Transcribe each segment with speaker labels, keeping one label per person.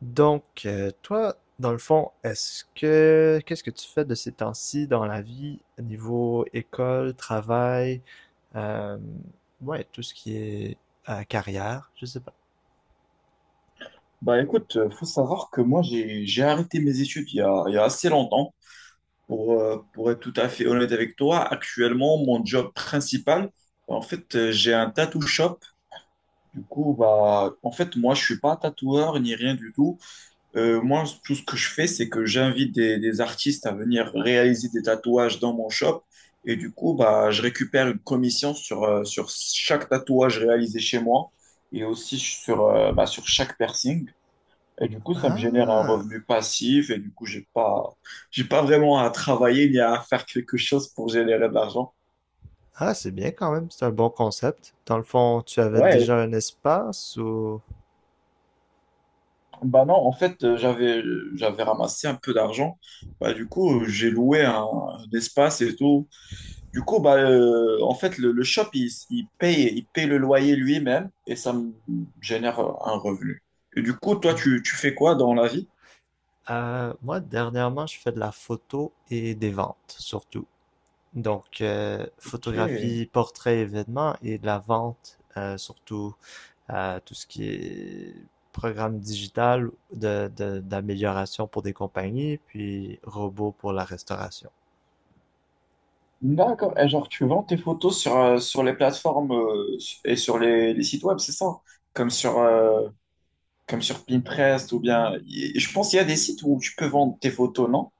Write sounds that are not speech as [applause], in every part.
Speaker 1: Donc, toi, dans le fond, est-ce que qu'est-ce que tu fais de ces temps-ci dans la vie, niveau école, travail, euh, ouais, tout ce qui est carrière, je sais pas.
Speaker 2: Bah écoute, faut savoir que moi j'ai arrêté mes études il y a assez longtemps. Pour être tout à fait honnête avec toi, actuellement mon job principal, en fait j'ai un tattoo shop. Du coup, bah en fait moi je suis pas tatoueur ni rien du tout. Moi tout ce que je fais c'est que j'invite des artistes à venir réaliser des tatouages dans mon shop. Et du coup, bah je récupère une commission sur chaque tatouage réalisé chez moi et aussi sur chaque piercing. Et du coup, ça me génère un
Speaker 1: Ah,
Speaker 2: revenu passif et du coup, j'ai pas vraiment à travailler ni à faire quelque chose pour générer de l'argent.
Speaker 1: ah, c'est bien quand même, c'est un bon concept. Dans le fond, tu avais
Speaker 2: Ouais,
Speaker 1: déjà un espace ou...
Speaker 2: bah non, en fait, j'avais ramassé un peu d'argent. Bah, du coup, j'ai loué un espace et tout. Du coup, bah, en fait, le shop, il paye le loyer lui-même et ça me génère un revenu. Et du coup, toi, tu fais quoi dans la vie?
Speaker 1: Moi, dernièrement, je fais de la photo et des ventes surtout. Donc,
Speaker 2: Ok.
Speaker 1: photographie, portrait, événements et de la vente, surtout à tout ce qui est programme digital d'amélioration pour des compagnies, puis robots pour la restauration.
Speaker 2: D'accord. Et genre, tu vends tes photos sur les plateformes et sur les sites web, c'est ça? Hein? Comme comme sur Pinterest ou bien. Je pense qu'il y a des sites où tu peux vendre tes photos, non?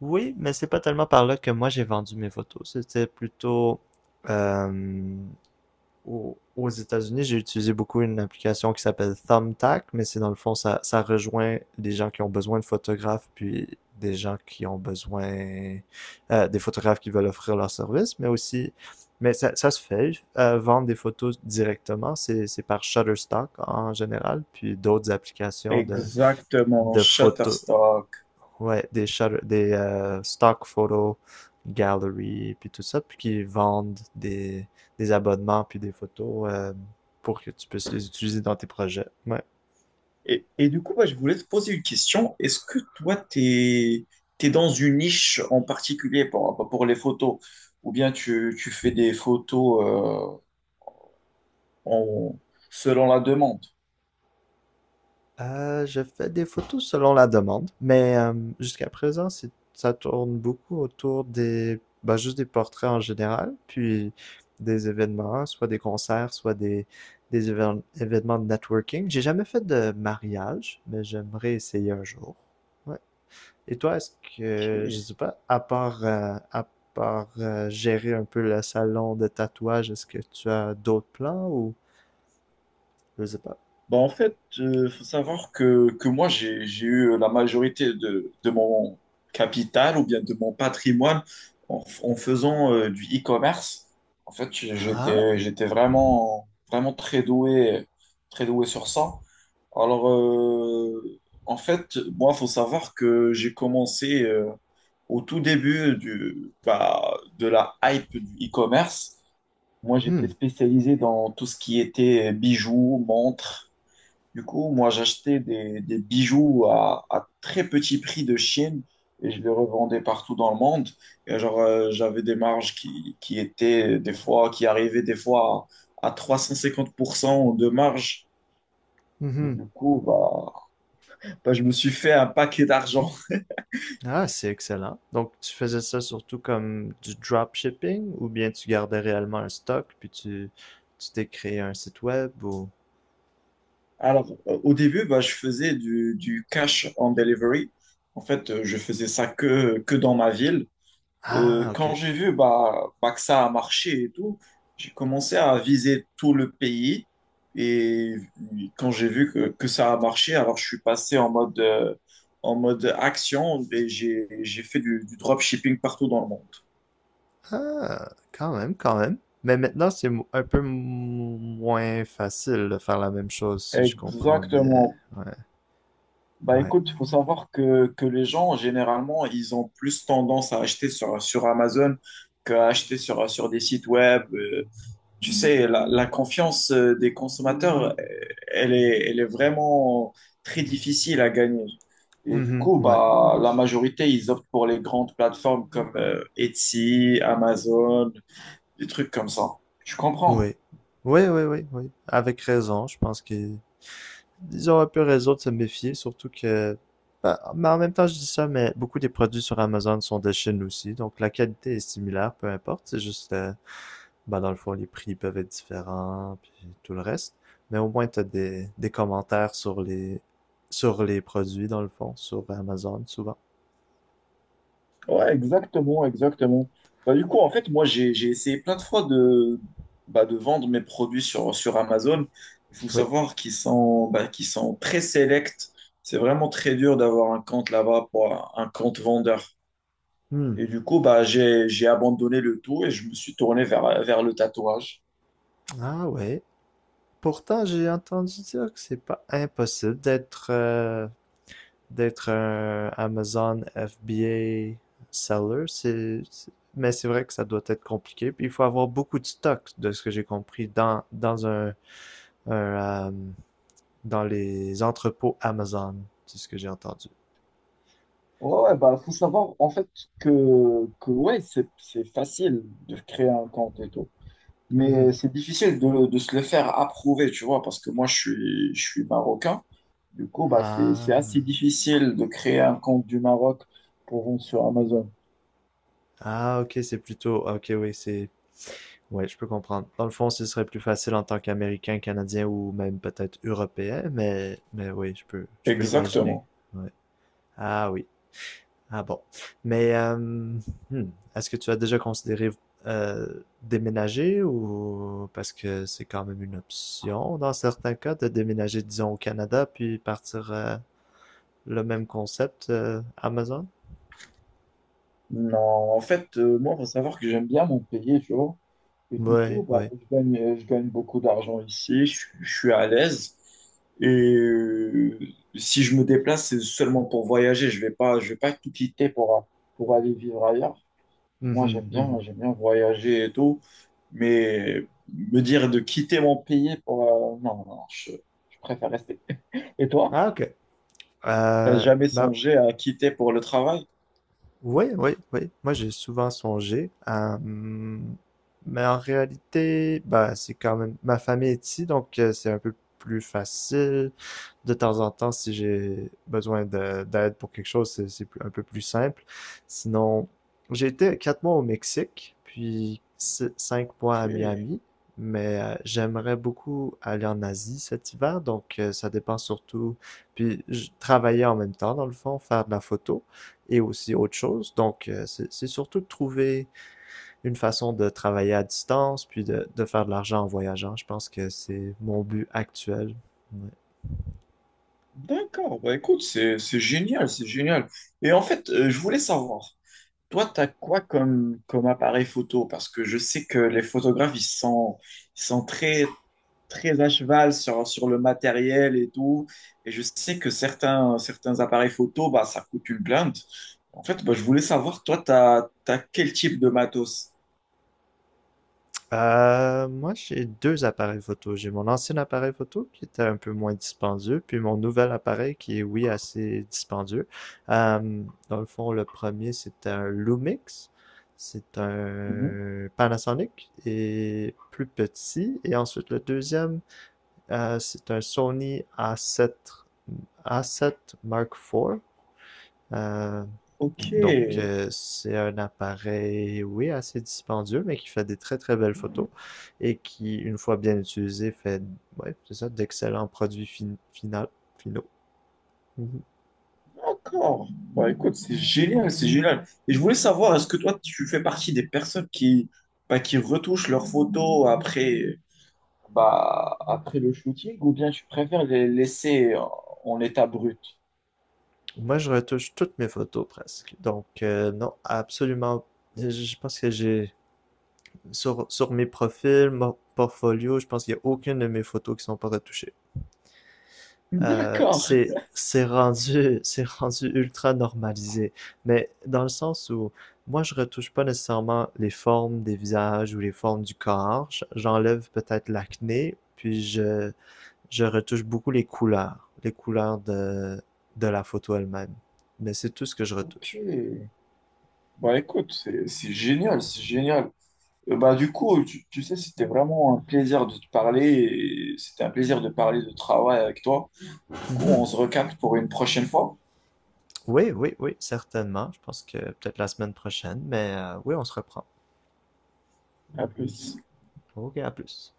Speaker 1: Oui, mais c'est pas tellement par là que moi j'ai vendu mes photos. C'était plutôt, euh, aux États-Unis, j'ai utilisé beaucoup une application qui s'appelle Thumbtack, mais c'est dans le fond, ça rejoint des gens qui ont besoin de photographes, puis des gens qui ont besoin, des photographes qui veulent offrir leur service, mais aussi, mais ça se fait, vendre des photos directement, c'est par Shutterstock en général, puis d'autres applications de,
Speaker 2: Exactement,
Speaker 1: de photos.
Speaker 2: Shutterstock.
Speaker 1: Ouais, des stock photo gallery, puis tout ça, puis qui vendent des abonnements, puis des photos, pour que tu puisses les utiliser dans tes projets. Ouais.
Speaker 2: Et du coup, bah, je voulais te poser une question. Est-ce que toi, t'es dans une niche en particulier pour, bah, pour les photos, ou bien tu, tu fais des photos en, selon la demande?
Speaker 1: Je fais des photos selon la demande, mais, jusqu'à présent, ça tourne beaucoup autour des, bah, juste des portraits en général, puis des événements, soit des concerts, soit des événements de networking. J'ai jamais fait de mariage, mais j'aimerais essayer un jour. Ouais. Et toi, est-ce que, je
Speaker 2: Ok.
Speaker 1: sais pas, à part gérer un peu le salon de tatouage, est-ce que tu as d'autres plans ou je sais pas?
Speaker 2: Bah, en fait, il faut savoir que moi, j'ai eu la majorité de mon capital ou bien de mon patrimoine en, en faisant du e-commerce. En fait,
Speaker 1: Ah.
Speaker 2: j'étais vraiment, vraiment très doué sur ça. Alors, en fait, moi, faut savoir que j'ai commencé au tout début du, bah, de la hype du e-commerce. Moi, j'étais
Speaker 1: Hmm.
Speaker 2: spécialisé dans tout ce qui était bijoux, montres. Du coup, moi, j'achetais des bijoux à très petit prix de Chine et je les revendais partout dans le monde. Et genre, j'avais des marges qui étaient des fois, qui arrivaient des fois à 350% de marge. Et
Speaker 1: Mhm.
Speaker 2: du coup, bah, bah, je me suis fait un paquet d'argent.
Speaker 1: Ah, c'est excellent. Donc, tu faisais ça surtout comme du dropshipping ou bien tu gardais réellement un stock, puis tu t'es créé un site web ou...
Speaker 2: Alors, au début, bah, je faisais du cash on delivery. En fait, je faisais ça que dans ma ville.
Speaker 1: Ah,
Speaker 2: Quand
Speaker 1: ok.
Speaker 2: j'ai vu bah, bah, que ça a marché et tout, j'ai commencé à viser tout le pays. Et quand j'ai vu que ça a marché, alors je suis passé en mode action et j'ai fait du dropshipping partout dans le monde.
Speaker 1: Ah, quand même, quand même. Mais maintenant, c'est, un peu, moins facile de faire la même chose, si je comprends bien.
Speaker 2: Exactement.
Speaker 1: Ouais,
Speaker 2: Bah
Speaker 1: ouais.
Speaker 2: écoute, il faut savoir que les gens, généralement, ils ont plus tendance à acheter sur Amazon qu'à acheter sur des sites web. Tu sais, la confiance des consommateurs, elle est vraiment très difficile à gagner. Et du
Speaker 1: Mhm,
Speaker 2: coup,
Speaker 1: ouais,
Speaker 2: bah, la majorité, ils optent pour les grandes plateformes comme Etsy, Amazon, des trucs comme ça. Tu comprends?
Speaker 1: ouais. Oui, oui, oui, oui. Avec raison, je pense qu'ils ils ont un peu raison de se méfier, surtout que, bah, mais en même temps, je dis ça, mais beaucoup des produits sur Amazon sont de Chine aussi, donc la qualité est similaire, peu importe, c'est juste, bah, dans le fond les prix peuvent être différents, puis tout le reste, mais au moins t'as des commentaires sur les produits dans le fond, sur Amazon souvent.
Speaker 2: Ouais, exactement, exactement. Bah, du coup, en fait, moi, j'ai essayé plein de fois de, bah, de vendre mes produits sur Amazon. Il faut
Speaker 1: Oui.
Speaker 2: savoir qu'ils sont, bah, qu'ils sont très sélects. C'est vraiment très dur d'avoir un compte là-bas pour un compte vendeur.
Speaker 1: Hmm.
Speaker 2: Et du coup, bah, j'ai abandonné le tout et je me suis tourné vers le tatouage.
Speaker 1: Ah ouais. Pourtant, j'ai entendu dire que c'est pas impossible d'être, un Amazon FBA seller. Mais c'est vrai que ça doit être compliqué. Puis il faut avoir beaucoup de stocks, de ce que j'ai compris, dans, un, euh, dans les entrepôts Amazon, c'est ce que j'ai entendu.
Speaker 2: Ouais, ouais, bah, faut savoir en fait que ouais, c'est facile de créer un compte et tout.
Speaker 1: Mhm.
Speaker 2: Mais c'est difficile de se le faire approuver, tu vois, parce que moi, je suis marocain. Du coup, bah, c'est assez
Speaker 1: Ah.
Speaker 2: difficile de créer un compte du Maroc pour vendre sur Amazon.
Speaker 1: Ah, ok, c'est plutôt... Ok, oui, c'est... Ouais, je peux comprendre. Dans le fond, ce serait plus facile en tant qu'Américain, Canadien ou même peut-être Européen, mais, oui, je peux imaginer.
Speaker 2: Exactement.
Speaker 1: Ouais. Ah oui. Ah bon. Mais, hmm, est-ce que tu as déjà considéré, déménager? Ou parce que c'est quand même une option dans certains cas de déménager, disons, au Canada puis partir, le même concept, Amazon?
Speaker 2: Non, en fait, moi, il faut savoir que j'aime bien mon pays, tu vois. Et du
Speaker 1: Oui,
Speaker 2: coup, bah,
Speaker 1: oui.
Speaker 2: je gagne beaucoup d'argent ici, je suis à l'aise. Et euh, si je me déplace, c'est seulement pour voyager. Je vais pas tout quitter pour aller vivre ailleurs. Moi,
Speaker 1: Mhm, mhm.
Speaker 2: j'aime bien voyager et tout, mais me dire de quitter mon pays pour non, non, je préfère rester. Et toi,
Speaker 1: Ah ok.
Speaker 2: t'as jamais
Speaker 1: Ben...
Speaker 2: songé à quitter pour le travail?
Speaker 1: Oui, oui, oui. Moi, j'ai souvent songé à... mais en réalité, bah, c'est quand même... Ma famille est ici, donc, c'est un peu plus facile. De temps en temps, si j'ai besoin d'aide pour quelque chose, c'est un peu plus simple. Sinon, j'ai été 4 mois au Mexique, puis 5 mois
Speaker 2: Ok,
Speaker 1: à Miami. Mais, j'aimerais beaucoup aller en Asie cet hiver, donc, ça dépend surtout. Puis je travaillais en même temps, dans le fond, faire de la photo et aussi autre chose. Donc, c'est surtout de trouver une façon de travailler à distance, puis, de faire de l'argent en voyageant. Je pense que c'est mon but actuel. Ouais.
Speaker 2: d'accord. Bah écoute, c'est génial, c'est génial. Et en fait, je voulais savoir, toi, t'as quoi comme, comme appareil photo? Parce que je sais que les photographes, ils sont très, très à cheval sur le matériel et tout. Et je sais que certains, certains appareils photo, bah, ça coûte une blinde. En fait, bah, je voulais savoir, toi, t'as quel type de matos?
Speaker 1: Moi, j'ai deux appareils photo. J'ai mon ancien appareil photo qui était un peu moins dispendieux, puis mon nouvel appareil qui est, oui, assez dispendieux. Euh, dans le fond, le premier, c'était un Lumix. C'est
Speaker 2: Mhm.
Speaker 1: un Panasonic et plus petit. Et ensuite, le deuxième, c'est un Sony A7 Mark IV. Euh,
Speaker 2: Ok,
Speaker 1: donc, c'est un appareil, oui, assez dispendieux, mais qui fait des très très belles photos et qui, une fois bien utilisé, fait, ouais, c'est ça, d'excellents produits finaux. Mhm.
Speaker 2: d'accord. Bah, écoute, c'est génial, c'est génial. Et je voulais savoir, est-ce que toi, tu fais partie des personnes qui, bah, qui retouchent leurs photos après, bah, après le shooting, ou bien tu préfères les laisser en en état brut?
Speaker 1: Moi, je retouche toutes mes photos presque. Donc, non, absolument. Je pense que j'ai, sur, sur mes profils, mon portfolio, je pense qu'il n'y a aucune de mes photos qui ne sont pas retouchées.
Speaker 2: [laughs] D'accord.
Speaker 1: C'est rendu [laughs] c'est rendu ultra normalisé. Mais dans le sens où moi je retouche pas nécessairement les formes des visages ou les formes du corps. J'enlève peut-être l'acné, puis je, retouche beaucoup les couleurs de la photo elle-même. Mais c'est tout ce que je retouche.
Speaker 2: Ok. Bah écoute, c'est génial, c'est génial. Bah du coup, tu sais, c'était vraiment un plaisir de te parler et c'était un plaisir de parler de travail avec toi. Du coup, on
Speaker 1: Mhm.
Speaker 2: se recapte pour une prochaine fois.
Speaker 1: Oui, oui, oui, certainement. Je pense que peut-être la semaine prochaine, mais, oui, on se reprend.
Speaker 2: À plus.
Speaker 1: Ok, à plus.